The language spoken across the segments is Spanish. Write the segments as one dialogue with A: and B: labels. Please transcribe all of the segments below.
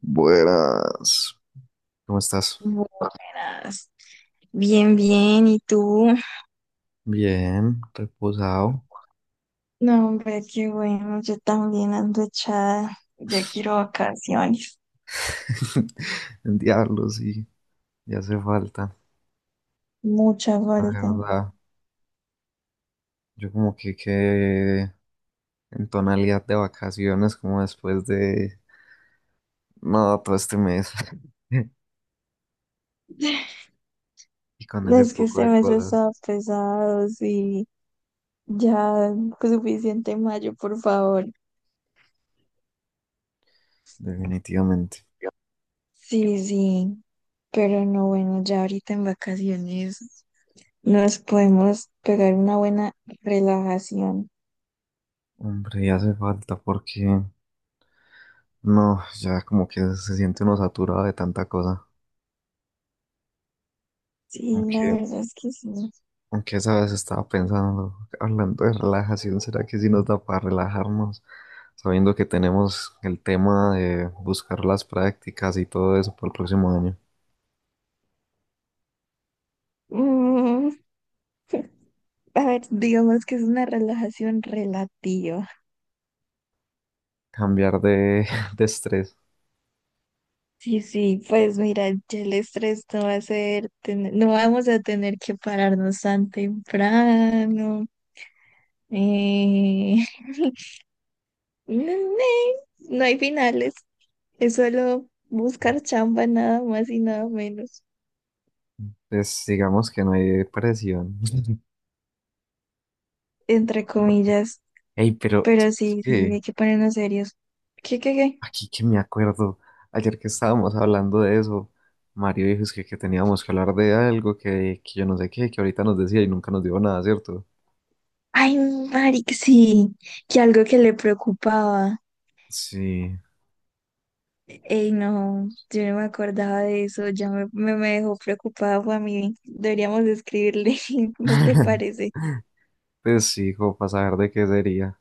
A: Buenas. ¿Cómo estás?
B: Buenas. Bien, bien. ¿Y tú?
A: Bien, reposado.
B: No, hombre, qué bueno. Yo también ando echada. Ya quiero vacaciones.
A: El diablo, sí, ya hace falta.
B: Mucha
A: La
B: falta.
A: verdad, yo como que quedé en tonalidad de vacaciones, como después de no, todo este mes. Y con ese
B: Es que
A: poco
B: este
A: de
B: mes
A: cosas,
B: está pesado, sí. Ya, pues, suficiente mayo, por favor.
A: definitivamente.
B: Sí, sí. Pero no, bueno, ya ahorita en vacaciones nos podemos pegar una buena relajación.
A: Hombre, ya hace falta porque no, ya como que se siente uno saturado de tanta cosa.
B: Sí, la
A: Aunque
B: verdad es que sí.
A: Aunque esa vez estaba pensando, hablando de relajación, ¿será que sí nos da para relajarnos? Sabiendo que tenemos el tema de buscar las prácticas y todo eso para el próximo año.
B: Mm, A ver, digamos que es una relajación relativa.
A: Cambiar de estrés.
B: Sí, sí, pues mira, ya el estrés no va a ser, no vamos a tener que pararnos tan temprano. Eh, no, no hay finales, es solo buscar chamba nada más y nada menos,
A: Pues digamos que no hay presión.
B: entre comillas.
A: Ey, pero
B: Pero
A: es
B: sí, sí,
A: que
B: hay que ponernos serios. ¿Qué, qué, qué?
A: aquí que me acuerdo, ayer que estábamos hablando de eso, Mario dijo es que teníamos que hablar de algo que yo no sé qué, que ahorita nos decía y nunca nos dijo nada, ¿cierto?
B: Ay, Mari, sí, que algo que le preocupaba.
A: Sí.
B: Ey, no, yo no me acordaba de eso, ya me dejó preocupada, fue a mí. Deberíamos escribirle, ¿no te parece?
A: Pues sí, como para saber de qué sería.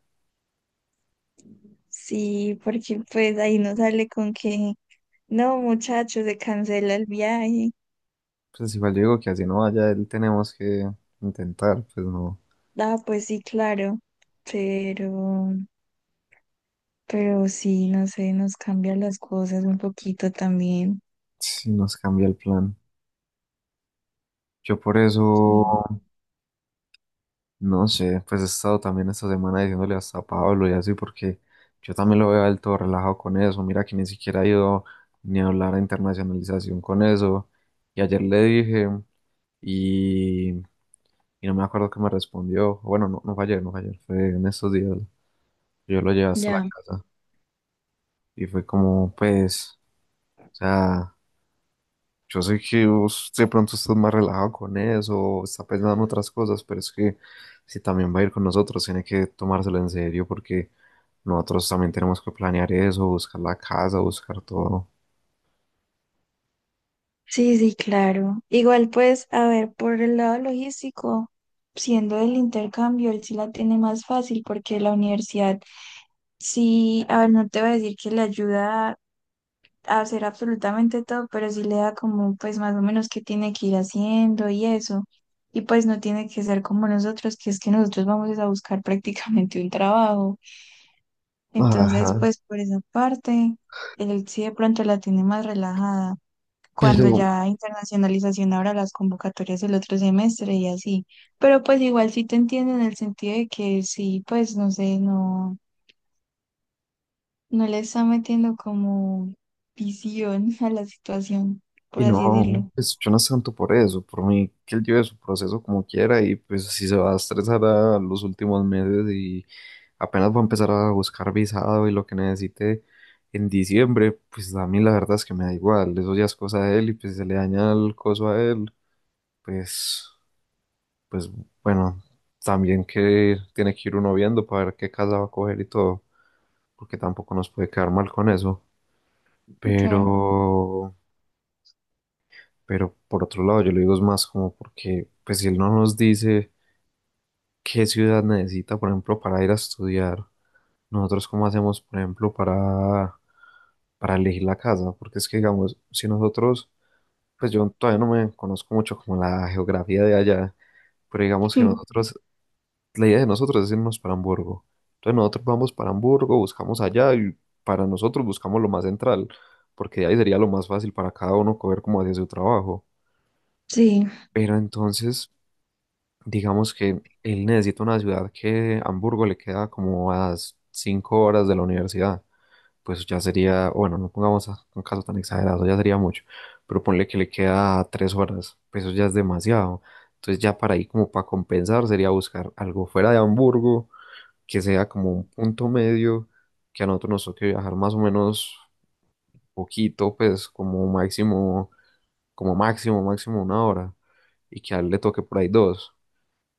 B: Sí, porque pues ahí no sale con que, no, muchachos, se cancela el viaje.
A: Pues igual yo digo que así no vaya él, tenemos que intentar, pues no,
B: Ah, pues sí, claro, pero, pero sí, no sé, nos cambian las cosas un poquito también.
A: si nos cambia el plan. Yo por eso,
B: Sí.
A: no sé, pues he estado también esta semana diciéndole hasta a Pablo y así, porque yo también lo veo a él todo relajado con eso. Mira que ni siquiera ha ido ni a hablar a internacionalización con eso. Y ayer le dije, y, y no me acuerdo qué me respondió. Bueno, no, no fue ayer, fue en estos días. Yo lo llevé hasta la
B: Ya.
A: casa y fue como, pues. O sea, yo sé que vos de pronto estás más relajado con eso, o está pensando en otras cosas, pero es que si también va a ir con nosotros, tiene que tomárselo en serio porque nosotros también tenemos que planear eso, buscar la casa, buscar todo.
B: Sí, sí, claro. Igual pues, a ver, por el lado logístico, siendo del intercambio, él sí la tiene más fácil porque la universidad sí, a ver, no te voy a decir que le ayuda a hacer absolutamente todo, pero sí le da como pues más o menos qué tiene que ir haciendo y eso. Y pues no tiene que ser como nosotros, que es que nosotros vamos es a buscar prácticamente un trabajo.
A: Ajá,
B: Entonces, pues por esa parte, él sí de pronto la tiene más relajada cuando
A: pero,
B: ya internacionalización ahora las convocatorias del otro semestre y así. Pero pues igual sí te entiendo en el sentido de que sí, pues no sé, no, no le está metiendo como visión a la situación, por
A: y
B: así decirlo.
A: no, pues yo no es tanto por eso, por mí que él lleve su proceso como quiera y pues si se va a estresar a los últimos meses y apenas voy a empezar a buscar visado y lo que necesite en diciembre, pues a mí la verdad es que me da igual, eso ya es cosa de él y pues si se le daña el coso a él, pues, pues bueno, también que tiene que ir uno viendo para ver qué casa va a coger y todo, porque tampoco nos puede quedar mal con eso,
B: Sí, claro.
A: pero, pero por otro lado yo le digo es más como porque pues si él no nos dice qué ciudad necesita, por ejemplo, para ir a estudiar, nosotros cómo hacemos, por ejemplo, para elegir la casa, porque es que, digamos, si nosotros, pues yo todavía no me conozco mucho como la geografía de allá, pero digamos que
B: Hmm.
A: nosotros, la idea de nosotros es irnos para Hamburgo. Entonces nosotros vamos para Hamburgo, buscamos allá y para nosotros buscamos lo más central, porque de ahí sería lo más fácil para cada uno coger como hacia su trabajo.
B: Sí,
A: Pero entonces, digamos que él necesita una ciudad que Hamburgo le queda como a cinco horas de la universidad. Pues ya sería, bueno, no pongamos un caso tan exagerado, ya sería mucho, pero ponle que le queda tres horas, pues eso ya es demasiado. Entonces ya para ahí como para compensar sería buscar algo fuera de Hamburgo, que sea como un punto medio, que a nosotros nos toque viajar más o menos poquito, pues como máximo, máximo una hora, y que a él le toque por ahí dos,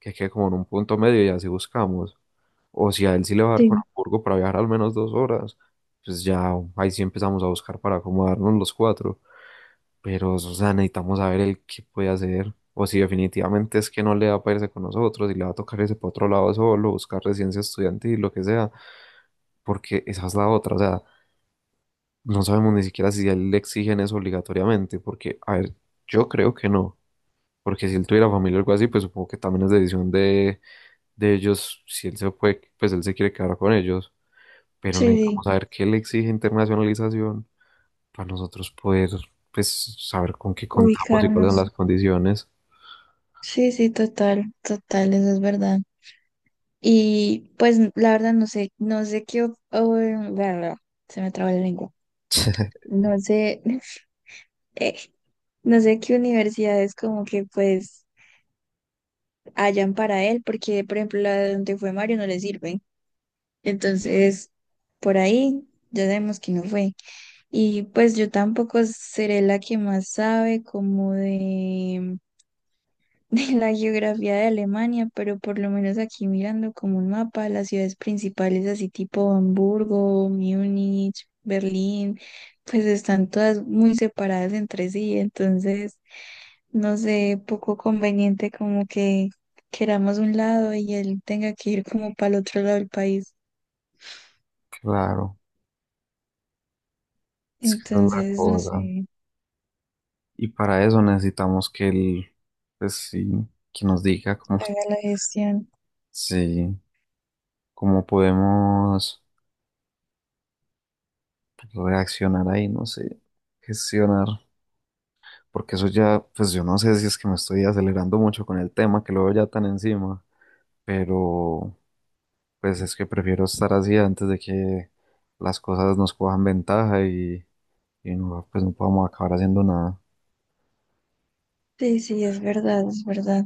A: que quede como en un punto medio y así buscamos. O si a él sí le va a dar con
B: sí,
A: Hamburgo para viajar al menos dos horas, pues ya ahí sí empezamos a buscar para acomodarnos los cuatro. Pero, o sea, necesitamos saber el qué puede hacer. O si definitivamente es que no le va a irse con nosotros y le va a tocar irse para otro lado solo, buscar residencia estudiantil, lo que sea. Porque esa es la otra. O sea, no sabemos ni siquiera si a él le exigen eso obligatoriamente. Porque, a ver, yo creo que no. Porque si él tuviera familia o algo así, pues supongo que también es decisión de ellos, si él se puede, pues él se quiere quedar con ellos. Pero
B: sí,
A: necesitamos
B: sí,
A: saber qué le exige internacionalización para nosotros poder, pues, saber con qué contamos y cuáles
B: ubicarnos.
A: son las condiciones.
B: Sí, sí, total, total, eso es verdad. Y pues la verdad no sé, no sé qué, bla, bla, bla, se me traba la lengua. No sé, no sé qué universidades como que pues hayan para él, porque por ejemplo la de donde fue Mario no le sirve. Entonces, por ahí ya sabemos que no fue. Y pues yo tampoco seré la que más sabe como de, de la geografía de Alemania, pero por lo menos aquí mirando como un mapa, las ciudades principales así tipo Hamburgo, Múnich, Berlín, pues están todas muy separadas entre sí. Entonces, no sé, poco conveniente como que queramos un lado y él tenga que ir como para el otro lado del país.
A: Claro, es que esa es la
B: Entonces, no
A: cosa.
B: sé,
A: Y para eso necesitamos que él, pues sí, que nos diga cómo,
B: haga la gestión.
A: sí, cómo podemos reaccionar ahí, no sé, gestionar. Porque eso ya, pues yo no sé si es que me estoy acelerando mucho con el tema, que lo veo ya tan encima, pero pues es que prefiero estar así antes de que las cosas nos cojan ventaja y no, pues no podamos acabar haciendo nada.
B: Sí, sí, es verdad, es verdad.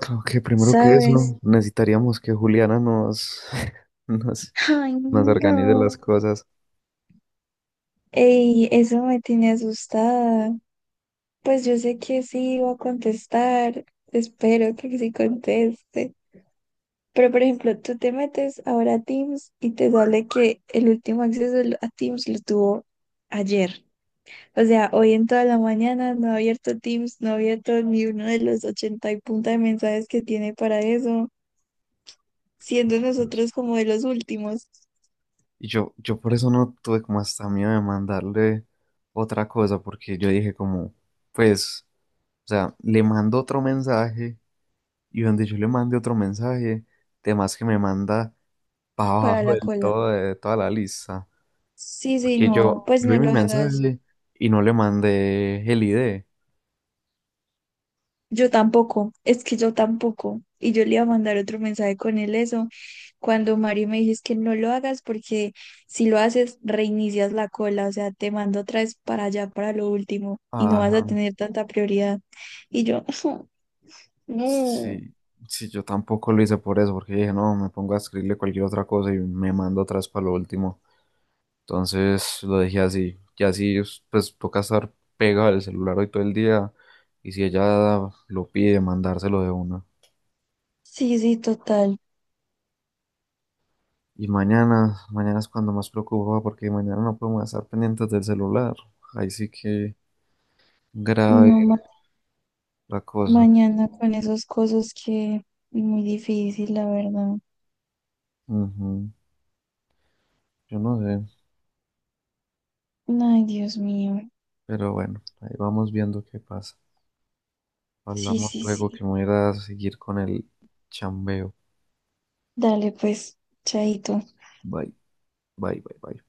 A: Creo que primero que
B: ¿Sabes?
A: eso, necesitaríamos que Juliana nos, nos,
B: Ay,
A: nos organice
B: no.
A: las cosas.
B: Ey, eso me tiene asustada. Pues yo sé que sí iba a contestar. Espero que sí conteste. Pero, por ejemplo, tú te metes ahora a Teams y te sale que el último acceso a Teams lo tuvo ayer. O sea, hoy en toda la mañana no he abierto Teams, no he abierto ni uno de los 80 y punta de mensajes que tiene para eso, siendo nosotros como de los últimos
A: Yo por eso no tuve como hasta miedo de mandarle otra cosa, porque yo dije como, pues, o sea, le mando otro mensaje y donde yo le mande otro mensaje, temas que me manda para
B: para
A: abajo
B: la
A: del
B: cola.
A: todo de toda la lista.
B: Sí, sí,
A: que
B: no,
A: yo,
B: pues
A: yo vi
B: no
A: mi
B: lo hagas.
A: mensaje y no le mandé el ID.
B: Yo tampoco, es que yo tampoco. Y yo le iba a mandar otro mensaje con él eso, cuando Mari me dijo es que no lo hagas porque si lo haces reinicias la cola, o sea, te mando otra vez para allá, para lo último, y no vas a
A: Ajá.
B: tener tanta prioridad. Y yo, no.
A: Sí, sí, yo tampoco lo hice por eso, porque dije, no, me pongo a escribirle cualquier otra cosa y me mando atrás para lo último. Entonces lo dejé así. Y así, pues, toca estar pegado al celular hoy todo el día. Y si ella lo pide, mandárselo de una.
B: Sí, sí, total.
A: Y mañana, mañana es cuando más preocupa, porque mañana no podemos estar pendientes del celular. Ahí sí que grave
B: No,
A: la cosa.
B: mañana con esas cosas que muy difícil, la verdad.
A: Ujú. Yo no sé.
B: Ay, Dios mío.
A: Pero bueno, ahí vamos viendo qué pasa.
B: Sí,
A: Hablamos
B: sí,
A: luego
B: sí.
A: que me voy a ir a seguir con el chambeo.
B: Dale, pues, chaito.
A: Bye, bye, bye, bye.